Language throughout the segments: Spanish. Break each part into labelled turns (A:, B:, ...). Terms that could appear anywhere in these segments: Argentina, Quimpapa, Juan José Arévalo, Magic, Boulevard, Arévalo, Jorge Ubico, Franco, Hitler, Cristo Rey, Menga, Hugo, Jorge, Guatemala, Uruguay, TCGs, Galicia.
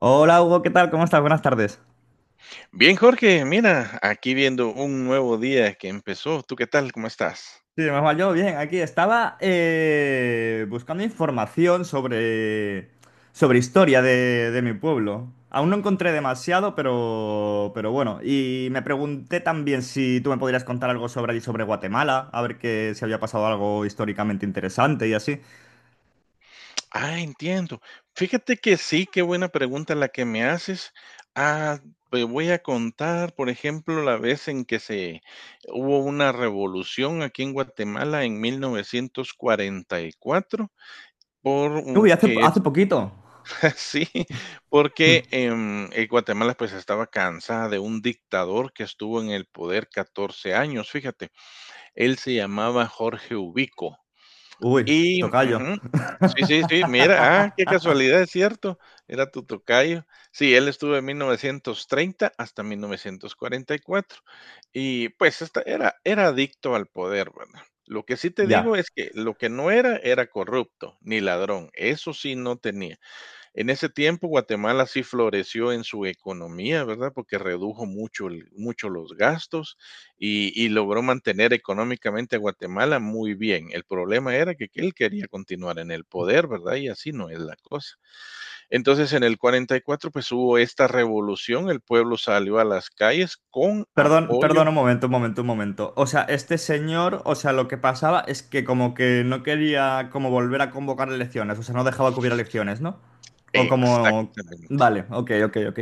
A: Hola Hugo, ¿qué tal? ¿Cómo estás? Buenas tardes.
B: Bien, Jorge, mira, aquí viendo un nuevo día que empezó. ¿Tú qué tal? ¿Cómo estás?
A: Sí, más mal yo, bien, aquí estaba buscando información sobre historia de mi pueblo. Aún no encontré demasiado, pero bueno. Y me pregunté también si tú me podrías contar algo sobre allí, sobre Guatemala, a ver que, si había pasado algo históricamente interesante y así.
B: Ah, entiendo. Fíjate que sí, qué buena pregunta la que me haces. Ah, te voy a contar, por ejemplo, la vez en que se hubo una revolución aquí en Guatemala en 1944,
A: Uy, hace,
B: que es
A: hace poquito.
B: así. Porque Guatemala pues estaba cansada de un dictador que estuvo en el poder 14 años, fíjate. Él se llamaba Jorge Ubico
A: Uy,
B: y
A: tocayo.
B: ujú. Sí, sí, sí, mira, ah, qué casualidad, es cierto, era tu tocayo. Sí, él estuvo de 1930 hasta 1944 y, cuatro. Y pues, esta era adicto al poder, ¿verdad? Lo que sí te digo
A: Ya.
B: es que lo que no era, era corrupto, ni ladrón, eso sí no tenía. En ese tiempo Guatemala sí floreció en su economía, ¿verdad? Porque redujo mucho, mucho los gastos y logró mantener económicamente a Guatemala muy bien. El problema era que él quería continuar en el poder, ¿verdad? Y así no es la cosa. Entonces en el 44 pues hubo esta revolución, el pueblo salió a las calles con
A: Perdón,
B: apoyo.
A: perdón, un momento, un momento, un momento. O sea, este señor, o sea, lo que pasaba es que como que no quería como volver a convocar elecciones, o sea, no dejaba que hubiera elecciones, ¿no? O como...
B: Exactamente.
A: Vale, ok, ok, ok.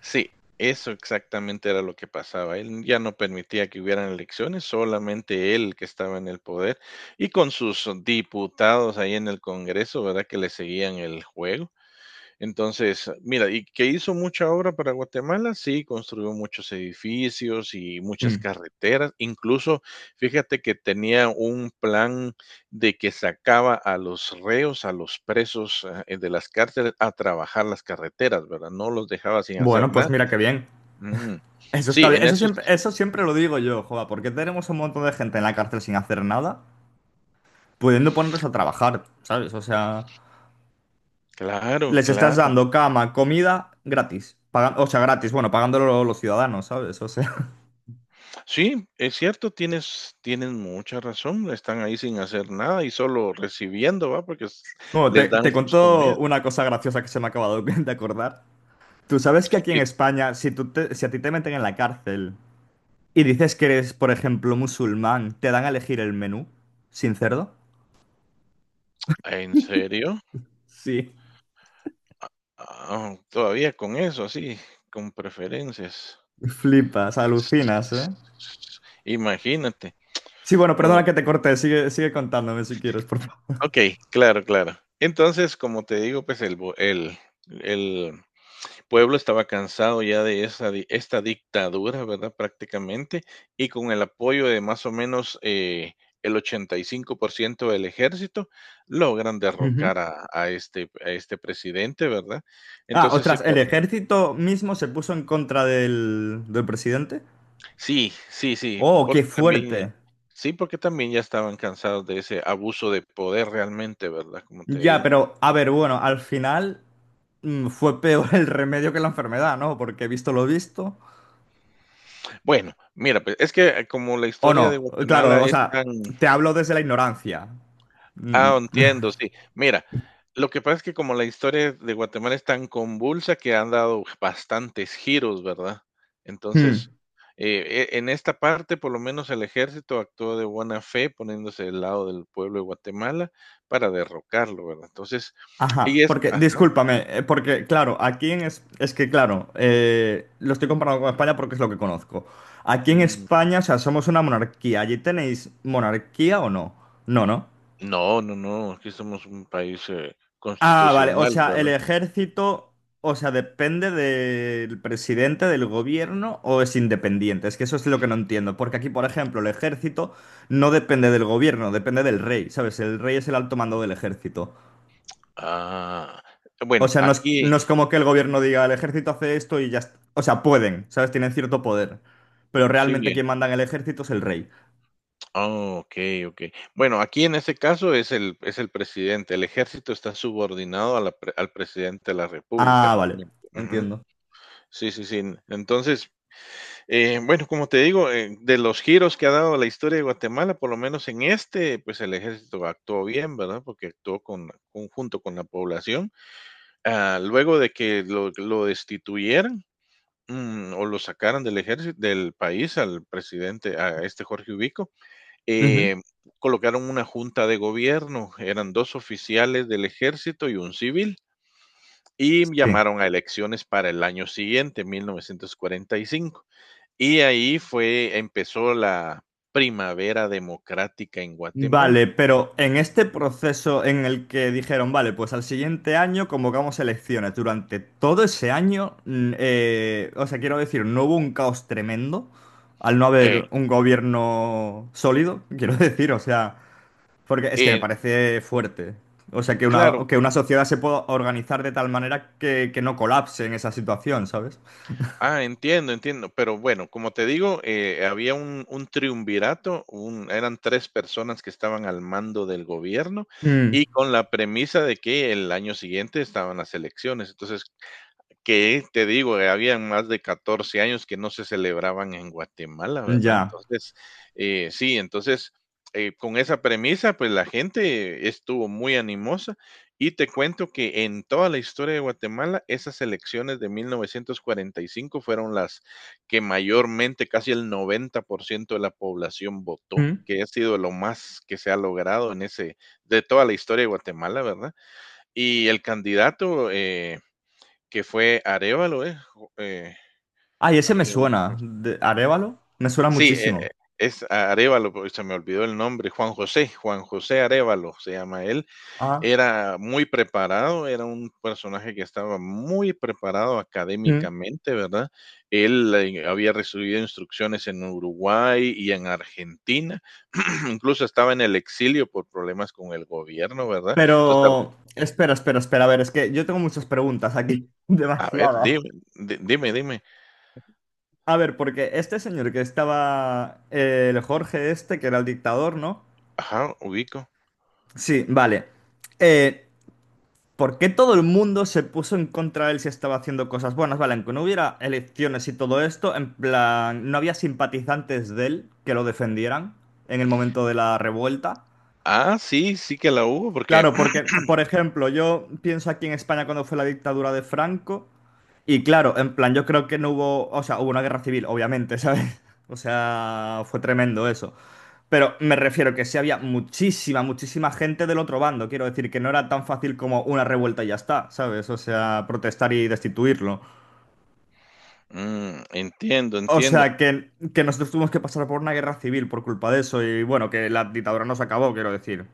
B: Sí, eso exactamente era lo que pasaba. Él ya no permitía que hubieran elecciones, solamente él que estaba en el poder y con sus diputados ahí en el Congreso, ¿verdad? Que le seguían el juego. Entonces, mira, y que hizo mucha obra para Guatemala, sí, construyó muchos edificios y muchas
A: Mm.
B: carreteras. Incluso, fíjate que tenía un plan de que sacaba a los reos, a los presos de las cárceles a trabajar las carreteras, ¿verdad? No los dejaba sin hacer
A: Bueno,
B: nada.
A: pues mira qué bien.
B: Mm,
A: Eso está
B: sí,
A: bien.
B: en eso sí,
A: Eso siempre lo digo yo, joda, porque tenemos un montón de gente en la cárcel sin hacer nada, pudiendo ponerlos a trabajar, ¿sabes? O sea,
B: claro,
A: les estás
B: claro.
A: dando cama, comida gratis. Paga- o sea, gratis, bueno, pagándolo los ciudadanos, ¿sabes? O sea...
B: Sí, es cierto, tienes mucha razón, están ahí sin hacer nada y solo recibiendo, ¿va? Porque s
A: Bueno, te,
B: Les dan
A: te
B: sus
A: cuento
B: comidas.
A: una cosa graciosa que se me ha acabado de acordar. Tú sabes que aquí en
B: ¿Y
A: España, si, tú te- si a ti te meten en la cárcel y dices que eres, por ejemplo, musulmán, te dan a elegir el menú sin cerdo.
B: en serio?
A: Sí.
B: Ah, todavía con eso, así, con preferencias.
A: Flipas, alucinas, ¿eh?
B: Imagínate.
A: Sí, bueno,
B: Oh,
A: perdona que te corté, sigue, sigue contándome si quieres, por favor.
B: okey, claro, claro. Entonces, como te digo, pues, el bo el pueblo estaba cansado ya de esa, esta dictadura, ¿verdad? Prácticamente, y con el apoyo de más o menos el 85% del ejército, logran
A: Ujú.
B: derrocar a este presidente, ¿verdad?
A: Ah,
B: Entonces,
A: ostras, ¿el ejército mismo se puso en contra del, del presidente?
B: sí, sí,
A: Oh, qué fuerte.
B: sí, porque también ya estaban cansados de ese abuso de poder realmente, ¿verdad? Como te
A: Ya,
B: digo.
A: pero a ver, bueno, al final fue peor el remedio que la enfermedad, ¿no? Porque he visto lo visto.
B: Bueno, mira, pues es que como la
A: O no,
B: historia de
A: claro,
B: Guatemala
A: o
B: es
A: sea,
B: tan,
A: te hablo desde la ignorancia. Mm,
B: ah, entiendo, sí. Mira, lo que pasa es que como la historia de Guatemala es tan convulsa que han dado bastantes giros, ¿verdad?
A: mm,
B: Entonces, en esta parte, por lo menos el ejército actuó de buena fe, poniéndose del lado del pueblo de Guatemala para derrocarlo, ¿verdad? Entonces,
A: Ajá,
B: y es,
A: porque,
B: ajá,
A: discúlpame, porque, claro, aquí en es que, claro, lo estoy comparando con España porque es lo que conozco. Aquí en
B: mm,
A: España, o sea, somos una monarquía. ¿Allí tenéis monarquía o no? No, ¿no?
B: no, no, no, aquí somos un país
A: Ah, vale, o
B: constitucional,
A: sea, el
B: ¿verdad?
A: ejército, o sea, depende del presidente del gobierno o es independiente. Es que eso es lo que no entiendo, porque aquí, por ejemplo, el ejército no depende del gobierno, depende del rey, ¿sabes? El rey es el alto mando del ejército.
B: Ah,
A: O
B: bueno,
A: sea, no es,
B: aquí
A: no es como que el gobierno diga, el ejército hace esto y ya está. O sea, pueden, ¿sabes? Tienen cierto poder, pero realmente
B: sí,
A: quien manda en el ejército es el rey.
B: ah, okey, okey. Bueno, aquí en ese caso es el presidente. El ejército está subordinado a la pre al presidente de la república
A: Ah, vale,
B: realmente. Ujú.
A: entiendo.
B: Sí, sí, sí. Entonces, bueno, como te digo, de los giros que ha dado la historia de Guatemala, por lo menos en este, pues, el ejército actuó bien, ¿verdad? Porque actuó con junto con la población. Ah, luego de que lo destituyeran, mm, o lo sacaran del ejército del país al presidente, a este Jorge Ubico,
A: Ujú.
B: eh, colocaron una junta de gobierno, eran dos oficiales del ejército y un civil, y
A: Sí.
B: llamaron a elecciones para el año siguiente, 1945. Y cinco. Y ahí fue, empezó la primavera democrática en Guatemala.
A: Vale, pero en este proceso en el que dijeron, vale, pues al siguiente año convocamos elecciones, durante todo ese año, o sea, quiero decir, no hubo un caos tremendo al no
B: Eh,
A: haber un gobierno sólido, quiero decir, o sea, porque es que me
B: eh,
A: parece fuerte. O sea,
B: claro,
A: que una sociedad se pueda organizar de tal manera que no colapse en esa situación, ¿sabes?
B: ah, entiendo, entiendo. Pero bueno, como te digo, había un triunvirato, eran tres personas que estaban al mando del gobierno
A: Mm,
B: y con la premisa de que el año siguiente estaban las elecciones. Entonces, que te digo, habían más de 14 años que no se celebraban en Guatemala, ¿verdad?
A: ya.
B: Entonces, sí, entonces, con esa premisa, pues la gente estuvo muy animosa y te cuento que en toda la historia de Guatemala, esas elecciones de 1945 fueron las que mayormente, casi el 90% de la población votó,
A: Mm.
B: que ha sido lo más que se ha logrado en ese de toda la historia de Guatemala, ¿verdad? Y el candidato, que fue Arévalo, ¿es? Jo-
A: Ay, ese me
B: ay, ahorita se me-
A: suena. ¿De Arévalo? Me suena
B: sí,
A: muchísimo.
B: es Arévalo, pero se me olvidó el nombre, Juan José, Juan José Arévalo se llama él.
A: Ah.
B: Era muy preparado, era un personaje que estaba muy preparado académicamente, ¿verdad? Él había recibido instrucciones en Uruguay y en Argentina, incluso estaba en el exilio por problemas con el gobierno, ¿verdad? Entonces,
A: Pero, espera, espera, espera. A ver, es que yo tengo muchas preguntas aquí.
B: a ver,
A: Demasiadas.
B: dime, dime, dime.
A: A ver, porque este señor que estaba, el Jorge este, que era el dictador, ¿no?
B: Ajá, ubico.
A: Sí, vale. Eh, ¿Por qué todo el mundo se puso en contra de él si estaba haciendo cosas buenas? Vale, aunque no hubiera elecciones y todo esto, en plan, no había simpatizantes de él que lo defendieran en el momento de la revuelta.
B: Ah, sí, sí que la hubo, porque
A: Claro, porque, por ejemplo, yo pienso aquí en España cuando fue la dictadura de Franco, y claro, en plan, yo creo que no hubo, o sea, hubo una guerra civil, obviamente, ¿sabes? O sea, fue tremendo eso. Pero me refiero que sí había muchísima, muchísima gente del otro bando, quiero decir, que no era tan fácil como una revuelta y ya está, ¿sabes? O sea, protestar y destituirlo.
B: mm, entiendo,
A: O
B: entiendo.
A: sea, que nosotros tuvimos que pasar por una guerra civil por culpa de eso, y bueno, que la dictadura no se acabó, quiero decir.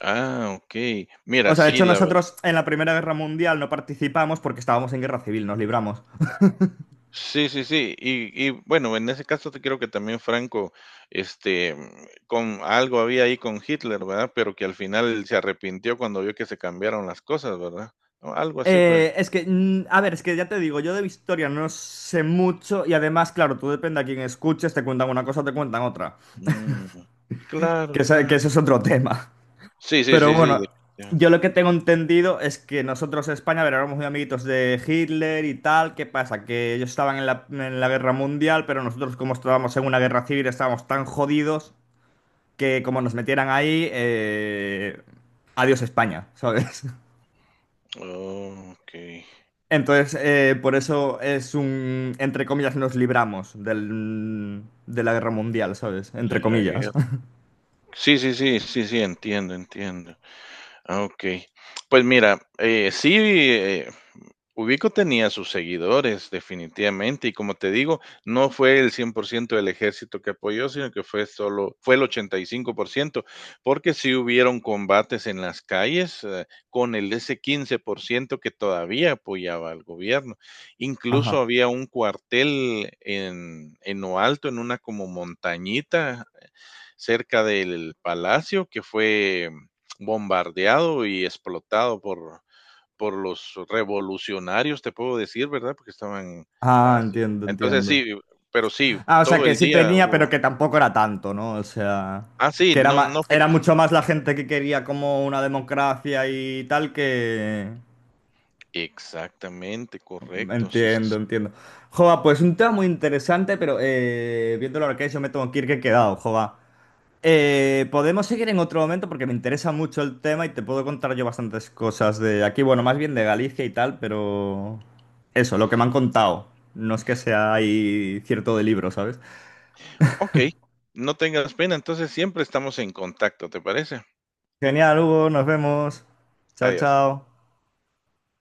B: Ah, okey.
A: O
B: Mira,
A: sea, de
B: sí,
A: hecho
B: la verdad
A: nosotros en la Primera Guerra Mundial no participamos porque estábamos en guerra civil, nos libramos.
B: sí, sí, sí. Y bueno, en ese caso te creo que también Franco, este, mm, con algo había ahí con Hitler, ¿verdad? Pero que al final se arrepintió cuando vio que se cambiaron las cosas, ¿verdad? O algo así fue.
A: A ver, es que ya te digo, yo de historia no sé mucho y además, claro, tú depende a quién escuches, te cuentan una cosa o te cuentan otra.
B: Mm, claro,
A: Que, esa- que
B: claro.
A: eso es otro tema.
B: Sí, sí,
A: Pero
B: sí, sí,
A: bueno, yo
B: definitivamente.
A: lo que tengo entendido es que nosotros en España, a ver, éramos muy amiguitos de Hitler y tal. ¿Qué pasa? Que ellos estaban en la guerra mundial, pero nosotros como estábamos en una guerra civil estábamos tan jodidos que como nos metieran ahí, adiós España, ¿sabes?
B: Oh, okey,
A: Entonces, por eso es un, entre comillas, nos libramos del, de la guerra mundial, ¿sabes? Entre
B: de la
A: comillas.
B: guerra. Sí, sí, sí, sí, sí, entiendo, entiendo. Ah, okey. Pues mira, Ubico tenía sus seguidores, definitivamente, y como te digo, no fue el 100% del ejército que apoyó, sino que fue solo, fue el 85% porque sí hubieron combates en las calles con el ese 15% que todavía apoyaba al gobierno. Incluso
A: Ajá.
B: había un cuartel en lo alto, en una como montañita cerca del palacio, que fue bombardeado y explotado por los revolucionarios, te puedo decir, ¿verdad? Porque estaban
A: Ah,
B: haciendo
A: entiendo,
B: entonces
A: entiendo.
B: sí, pero sí,
A: Ah, o sea,
B: todo
A: que
B: el
A: sí
B: día
A: tenía, pero
B: hubo
A: que tampoco era tanto, ¿no? O sea,
B: ah, sí,
A: que era
B: no
A: ma-
B: no fue
A: era mucho más la gente que quería como una democracia y tal que...
B: exactamente, correcto, sí, sí,
A: Entiendo,
B: sí.
A: entiendo. Jova, pues un tema muy interesante, pero viéndolo ahora que es, yo me tengo que ir que he quedado, jova. Podemos seguir en otro momento porque me interesa mucho el tema y te puedo contar yo bastantes cosas de aquí, bueno, más bien de Galicia y tal, pero eso, lo que me han contado. No es que sea ahí cierto de libro, ¿sabes?
B: Okey, no tengas pena, entonces siempre estamos en contacto, ¿te parece?
A: Genial, Hugo, nos vemos. Chao,
B: Adiós.
A: chao.